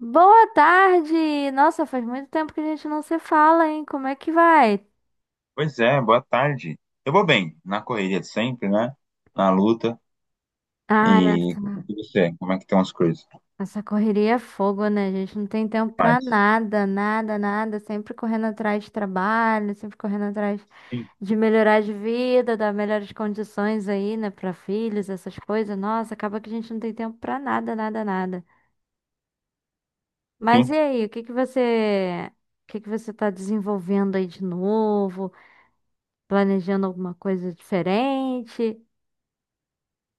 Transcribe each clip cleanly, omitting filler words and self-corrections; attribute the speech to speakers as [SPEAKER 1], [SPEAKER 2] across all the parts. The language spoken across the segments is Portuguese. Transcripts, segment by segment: [SPEAKER 1] Boa tarde! Nossa, faz muito tempo que a gente não se fala, hein? Como é que vai?
[SPEAKER 2] Pois é, boa tarde. Eu vou bem, na correria de sempre, né? Na luta. E
[SPEAKER 1] Ah, essa,
[SPEAKER 2] e você, como é que estão as coisas? O
[SPEAKER 1] essa correria é fogo, né? A gente não tem
[SPEAKER 2] que
[SPEAKER 1] tempo pra
[SPEAKER 2] mais?
[SPEAKER 1] nada, nada, nada. Sempre correndo atrás de trabalho, sempre correndo atrás
[SPEAKER 2] Sim,
[SPEAKER 1] de melhorar de vida, dar melhores condições aí, né, pra filhos, essas coisas. Nossa, acaba que a gente não tem tempo pra nada, nada, nada. Mas e
[SPEAKER 2] sim.
[SPEAKER 1] aí, o que que você tá desenvolvendo aí de novo? Planejando alguma coisa diferente?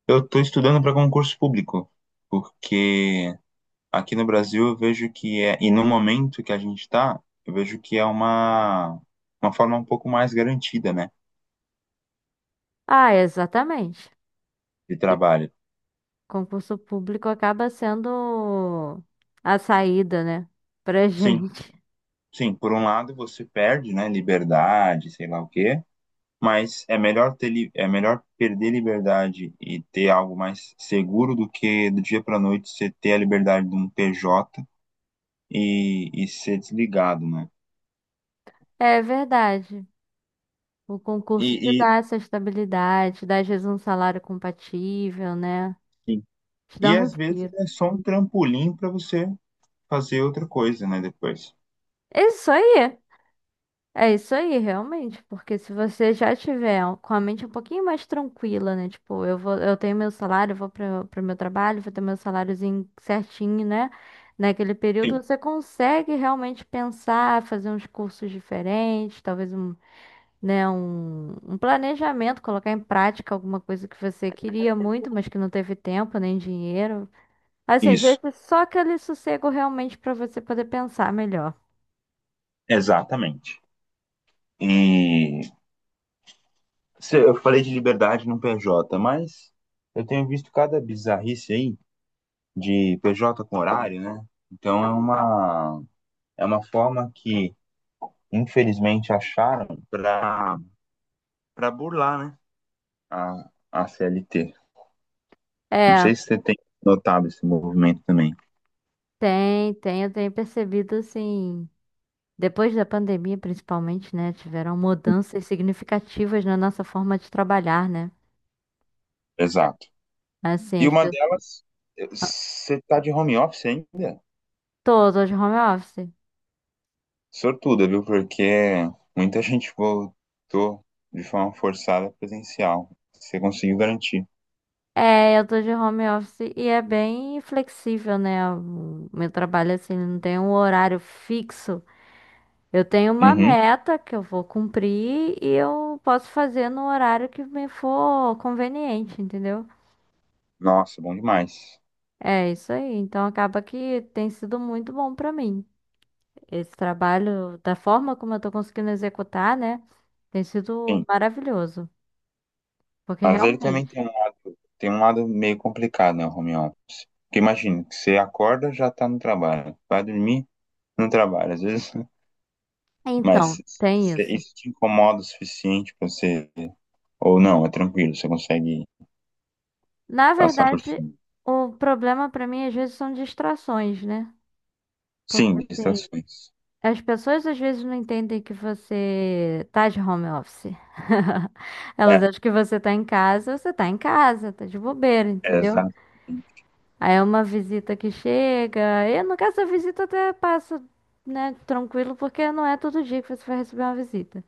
[SPEAKER 2] Eu tô estudando para concurso público, porque aqui no Brasil eu vejo que é, e no momento que a gente está, eu vejo que é uma forma um pouco mais garantida, né,
[SPEAKER 1] Ah, exatamente.
[SPEAKER 2] de
[SPEAKER 1] E o
[SPEAKER 2] trabalho.
[SPEAKER 1] concurso público acaba sendo a saída, né, pra
[SPEAKER 2] Sim,
[SPEAKER 1] gente.
[SPEAKER 2] sim. Por um lado você perde, né, liberdade, sei lá o quê. Mas é melhor perder liberdade e ter algo mais seguro do que do dia para noite você ter a liberdade de um PJ e ser desligado, né?
[SPEAKER 1] É verdade. O
[SPEAKER 2] E,
[SPEAKER 1] concurso te
[SPEAKER 2] e,
[SPEAKER 1] dá essa estabilidade, te dá às vezes um salário compatível, né?
[SPEAKER 2] e,
[SPEAKER 1] Te dá
[SPEAKER 2] e
[SPEAKER 1] um
[SPEAKER 2] às vezes
[SPEAKER 1] respiro.
[SPEAKER 2] é só um trampolim para você fazer outra coisa, né, depois.
[SPEAKER 1] É isso aí. É isso aí, realmente, porque se você já tiver com a mente um pouquinho mais tranquila, né? Tipo, eu vou, eu tenho meu salário, eu vou para o meu trabalho, vou ter meu saláriozinho certinho, né? Naquele período
[SPEAKER 2] Sim.
[SPEAKER 1] você consegue realmente pensar, fazer uns cursos diferentes, talvez um planejamento, colocar em prática alguma coisa que você queria muito, mas que não teve tempo nem dinheiro. Assim, às
[SPEAKER 2] Isso,
[SPEAKER 1] vezes só aquele sossego realmente para você poder pensar melhor.
[SPEAKER 2] exatamente. E eu falei de liberdade no PJ, mas eu tenho visto cada bizarrice aí de PJ com horário, né? Então é uma forma que infelizmente acharam para burlar, né? A CLT. Não
[SPEAKER 1] É.
[SPEAKER 2] sei se você tem notado esse movimento também.
[SPEAKER 1] Tem, eu tenho percebido assim, depois da pandemia principalmente, né, tiveram mudanças significativas na nossa forma de trabalhar, né?
[SPEAKER 2] Exato.
[SPEAKER 1] Assim,
[SPEAKER 2] E
[SPEAKER 1] as
[SPEAKER 2] uma
[SPEAKER 1] pessoas,
[SPEAKER 2] delas, você tá de home office ainda?
[SPEAKER 1] tô de home office.
[SPEAKER 2] Sortuda, viu? Porque muita gente voltou de forma forçada presencial. Você conseguiu garantir.
[SPEAKER 1] É, eu tô de home office e é bem flexível, né? O meu trabalho assim, não tem um horário fixo. Eu tenho uma
[SPEAKER 2] Uhum.
[SPEAKER 1] meta que eu vou cumprir e eu posso fazer no horário que me for conveniente, entendeu?
[SPEAKER 2] Nossa, bom demais.
[SPEAKER 1] É isso aí. Então acaba que tem sido muito bom pra mim. Esse trabalho, da forma como eu tô conseguindo executar, né, tem sido
[SPEAKER 2] Sim.
[SPEAKER 1] maravilhoso. Porque
[SPEAKER 2] Mas ele
[SPEAKER 1] realmente.
[SPEAKER 2] também tem um lado meio complicado, né, o home office. Porque imagina, você acorda, já tá no trabalho. Vai dormir, no trabalho. Às vezes.
[SPEAKER 1] Então,
[SPEAKER 2] Mas
[SPEAKER 1] tem
[SPEAKER 2] se
[SPEAKER 1] isso.
[SPEAKER 2] isso te incomoda o suficiente pra você. Ou não, é tranquilo, você consegue
[SPEAKER 1] Na
[SPEAKER 2] passar por
[SPEAKER 1] verdade,
[SPEAKER 2] cima.
[SPEAKER 1] o problema pra mim às vezes são distrações, né? Porque
[SPEAKER 2] Sim,
[SPEAKER 1] assim,
[SPEAKER 2] distrações.
[SPEAKER 1] as pessoas às vezes não entendem que você tá de home office. Elas
[SPEAKER 2] É,
[SPEAKER 1] acham que você tá em casa, você tá em casa, tá de bobeira,
[SPEAKER 2] é,
[SPEAKER 1] entendeu?
[SPEAKER 2] exatamente.
[SPEAKER 1] Aí é uma visita que chega. E no caso, a visita até passa, né, tranquilo, porque não é todo dia que você vai receber uma visita.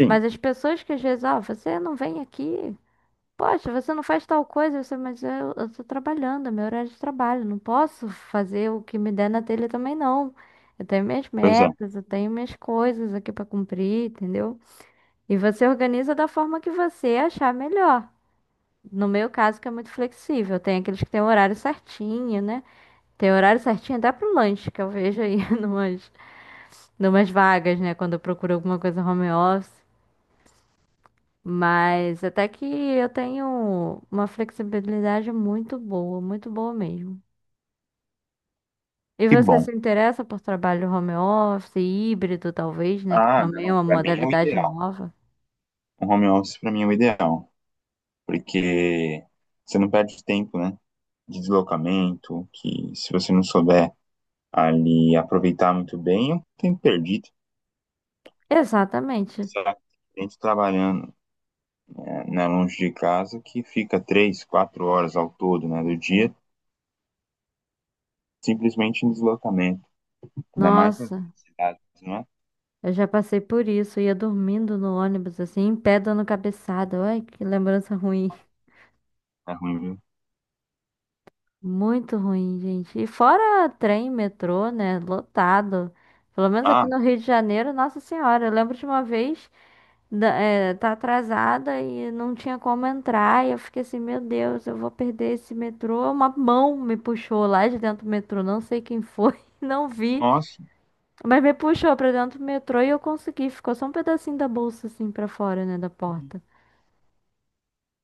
[SPEAKER 2] Sim,
[SPEAKER 1] Mas as pessoas que às vezes, ó, você não vem aqui. Poxa, você não faz tal coisa, você, mas eu tô trabalhando, é meu horário de trabalho, não posso fazer o que me der na telha também não. Eu tenho minhas
[SPEAKER 2] pois é.
[SPEAKER 1] metas, eu tenho minhas coisas aqui pra cumprir, entendeu? E você organiza da forma que você achar melhor. No meu caso, que é muito flexível, tem aqueles que têm o horário certinho, né? Tem horário certinho até pro lanche, que eu vejo aí numas vagas, né? Quando eu procuro alguma coisa home office. Mas até que eu tenho uma flexibilidade muito boa mesmo. E
[SPEAKER 2] Que
[SPEAKER 1] você se
[SPEAKER 2] bom.
[SPEAKER 1] interessa por trabalho home office, híbrido, talvez, né? Que
[SPEAKER 2] Ah,
[SPEAKER 1] também é
[SPEAKER 2] não,
[SPEAKER 1] uma
[SPEAKER 2] pra mim é o
[SPEAKER 1] modalidade
[SPEAKER 2] ideal.
[SPEAKER 1] nova.
[SPEAKER 2] Um home office pra mim é o ideal. Porque você não perde tempo, né? De deslocamento, que se você não souber ali aproveitar muito bem, é um tempo perdido.
[SPEAKER 1] Exatamente.
[SPEAKER 2] Sabe? A gente trabalhando, né, na longe de casa que fica 3, 4 horas ao todo, né, do dia, simplesmente em deslocamento. Ainda mais nas
[SPEAKER 1] Nossa,
[SPEAKER 2] grandes cidades, não é?
[SPEAKER 1] eu já passei por isso. Ia dormindo no ônibus, assim, em pé, dando cabeçada. Ai, que lembrança ruim.
[SPEAKER 2] É ruim, viu?
[SPEAKER 1] Muito ruim, gente. E fora trem, metrô, né? Lotado. Pelo menos aqui
[SPEAKER 2] Ah,
[SPEAKER 1] no Rio de Janeiro, Nossa Senhora. Eu lembro de uma vez, tá atrasada e não tinha como entrar. E eu fiquei assim, meu Deus, eu vou perder esse metrô. Uma mão me puxou lá de dentro do metrô. Não sei quem foi, não vi.
[SPEAKER 2] nossa,
[SPEAKER 1] Mas me puxou pra dentro do metrô e eu consegui. Ficou só um pedacinho da bolsa assim pra fora, né? Da
[SPEAKER 2] que
[SPEAKER 1] porta.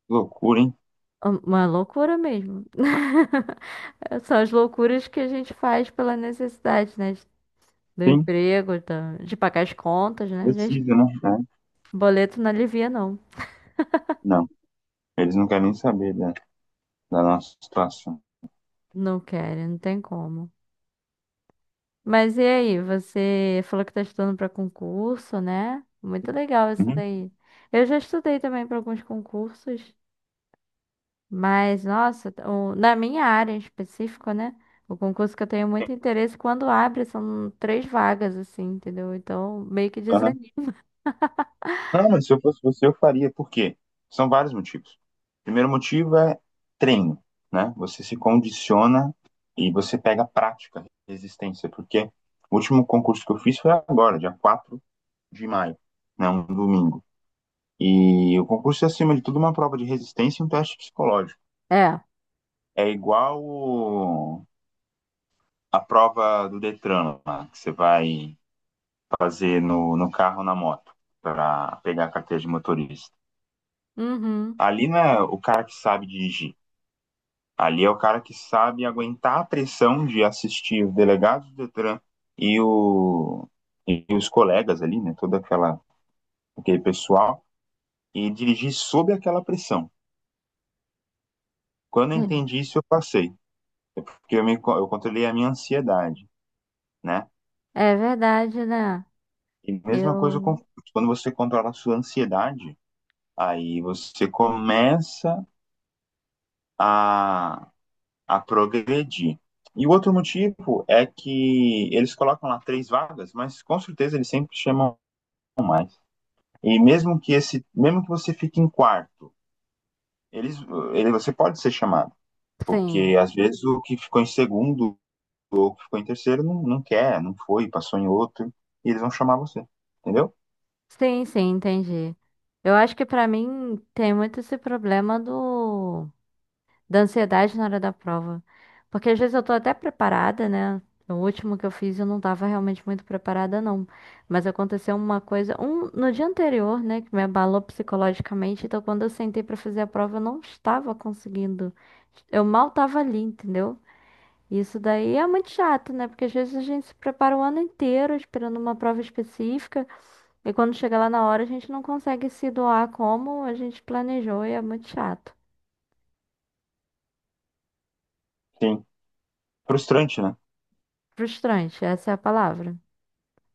[SPEAKER 2] loucura, hein?
[SPEAKER 1] Ah, uma loucura mesmo. São as loucuras que a gente faz pela necessidade, né? Do
[SPEAKER 2] Sim,
[SPEAKER 1] emprego, de pagar as contas, né? Gente,
[SPEAKER 2] precisa, né? É,
[SPEAKER 1] boleto não alivia, não.
[SPEAKER 2] não, eles não querem nem saber da nossa situação.
[SPEAKER 1] Não querem, não tem como. Mas e aí, você falou que tá estudando para concurso, né? Muito legal isso
[SPEAKER 2] Uhum,
[SPEAKER 1] daí. Eu já estudei também para alguns concursos, mas nossa, na minha área em específico, né? O concurso que eu tenho muito interesse, quando abre, são três vagas, assim, entendeu? Então, meio que
[SPEAKER 2] aham.
[SPEAKER 1] desanima.
[SPEAKER 2] Não, mas se eu fosse você, eu faria. Por quê? São vários motivos. Primeiro motivo é treino, né? Você se condiciona e você pega prática, resistência, porque o último concurso que eu fiz foi agora, dia 4 de maio, né? Um domingo. E o concurso é, acima de tudo, uma prova de resistência e um teste psicológico.
[SPEAKER 1] É.
[SPEAKER 2] É igual a prova do Detran, lá, que você vai fazer no carro ou na moto, para pegar a carteira de motorista.
[SPEAKER 1] Uhum.
[SPEAKER 2] Ali não é o cara que sabe dirigir. Ali é o cara que sabe aguentar a pressão de assistir os delegados do Detran e, o, e os colegas ali, né? Aquele pessoal, e dirigir sob aquela pressão. Quando eu entendi isso, eu passei. É porque eu controlei a minha ansiedade, né?
[SPEAKER 1] É verdade, né?
[SPEAKER 2] E mesma coisa com
[SPEAKER 1] Eu.
[SPEAKER 2] quando você controla a sua ansiedade, aí você começa a, a progredir. E o outro motivo é que eles colocam lá três vagas, mas com certeza eles sempre chamam mais. E mesmo que você fique em quarto, eles, você pode ser chamado,
[SPEAKER 1] Sim.
[SPEAKER 2] porque às vezes o que ficou em segundo ou o que ficou em terceiro não, não quer, não foi, passou em outro, e eles vão chamar você, entendeu?
[SPEAKER 1] Sim, sim, entendi. Eu acho que pra mim tem muito esse problema do da ansiedade na hora da prova. Porque às vezes eu tô até preparada, né? O último que eu fiz eu não tava realmente muito preparada, não. Mas aconteceu uma coisa, um no dia anterior, né, que me abalou psicologicamente. Então, quando eu sentei pra fazer a prova, eu não estava conseguindo. Eu mal tava ali, entendeu? Isso daí é muito chato, né? Porque às vezes a gente se prepara o ano inteiro esperando uma prova específica e quando chega lá na hora a gente não consegue se doar como a gente planejou e é muito chato.
[SPEAKER 2] Sim. Frustrante, né?
[SPEAKER 1] Frustrante, essa é a palavra.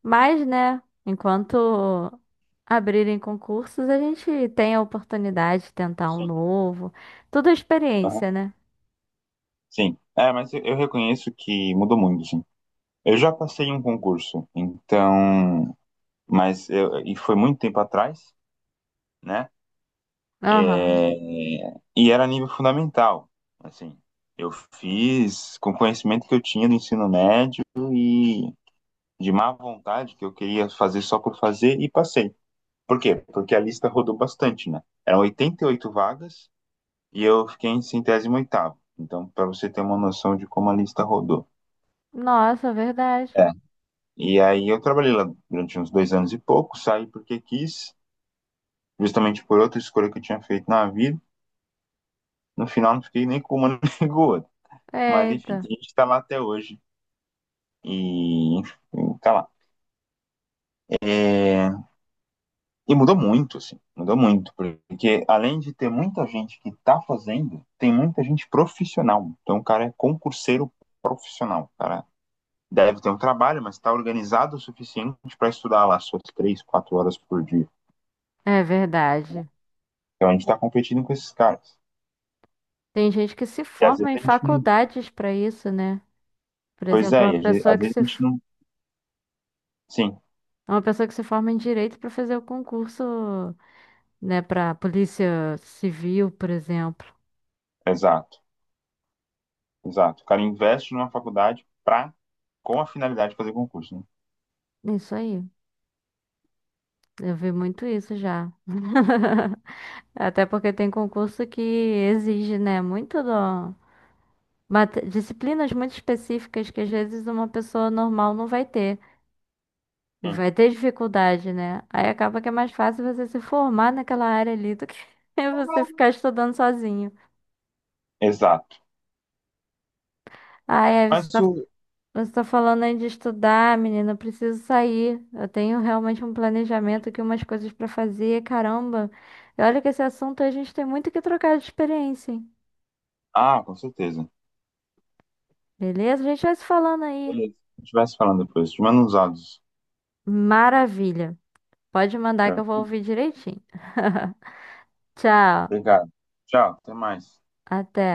[SPEAKER 1] Mas, né, enquanto abrirem concursos, a gente tem a oportunidade de tentar um
[SPEAKER 2] Sim.
[SPEAKER 1] novo. Tudo é
[SPEAKER 2] Aham.
[SPEAKER 1] experiência, né?
[SPEAKER 2] Sim. É, mas eu reconheço que mudou muito, sim. Eu já passei em um concurso, então, e foi muito tempo atrás, né?
[SPEAKER 1] Aham.
[SPEAKER 2] É, e era nível fundamental, assim. Eu fiz com o conhecimento que eu tinha do ensino médio e de má vontade que eu queria fazer só por fazer e passei. Por quê? Porque a lista rodou bastante, né? Eram 88 vagas. E eu fiquei em 108º. Então, para você ter uma noção de como a lista rodou.
[SPEAKER 1] Nossa, verdade.
[SPEAKER 2] É. E aí eu trabalhei lá durante uns 2 anos e pouco, saí porque quis, justamente por outra escolha que eu tinha feito na vida. No final não fiquei nem com uma nem com outra. Mas enfim, a
[SPEAKER 1] Eita.
[SPEAKER 2] gente tá lá até hoje. E enfim, tá lá. É, e mudou muito, assim, mudou muito. Porque além de ter muita gente que tá fazendo, tem muita gente profissional. Então o cara é concurseiro profissional. O cara deve ter um trabalho, mas está organizado o suficiente para estudar lá suas 3, 4 horas por dia.
[SPEAKER 1] É verdade.
[SPEAKER 2] Então a gente está competindo com esses caras.
[SPEAKER 1] Tem gente que se
[SPEAKER 2] E às
[SPEAKER 1] forma
[SPEAKER 2] vezes
[SPEAKER 1] em
[SPEAKER 2] a gente não.
[SPEAKER 1] faculdades pra isso, né? Por
[SPEAKER 2] Pois
[SPEAKER 1] exemplo,
[SPEAKER 2] é, e às vezes às vezes a gente não. Sim,
[SPEAKER 1] uma pessoa que se forma em direito para fazer o concurso, né, para polícia civil, por exemplo.
[SPEAKER 2] exato, exato. O cara investe numa faculdade pra, com a finalidade de fazer concurso, né?
[SPEAKER 1] Isso aí. Eu vi muito isso já. Até porque tem concurso que exige, né, muito do... disciplinas muito específicas que às vezes uma pessoa normal não vai ter. E
[SPEAKER 2] Sim,
[SPEAKER 1] vai ter dificuldade, né? Aí acaba que é mais fácil você se formar naquela área ali do que você ficar estudando sozinho.
[SPEAKER 2] exato.
[SPEAKER 1] Ah, é,
[SPEAKER 2] Mas o.
[SPEAKER 1] você tá falando aí de estudar, menina. Eu preciso sair. Eu tenho realmente um planejamento aqui, umas coisas pra fazer. Caramba. E olha que esse assunto a gente tem muito que trocar de experiência, hein?
[SPEAKER 2] Ah, com certeza.
[SPEAKER 1] Beleza? A gente vai se falando aí.
[SPEAKER 2] Beleza. A gente vai se falando depois. Te mando uns áudios.
[SPEAKER 1] Maravilha. Pode mandar que eu vou ouvir direitinho. Tchau.
[SPEAKER 2] Obrigado. Tchau, até mais.
[SPEAKER 1] Até.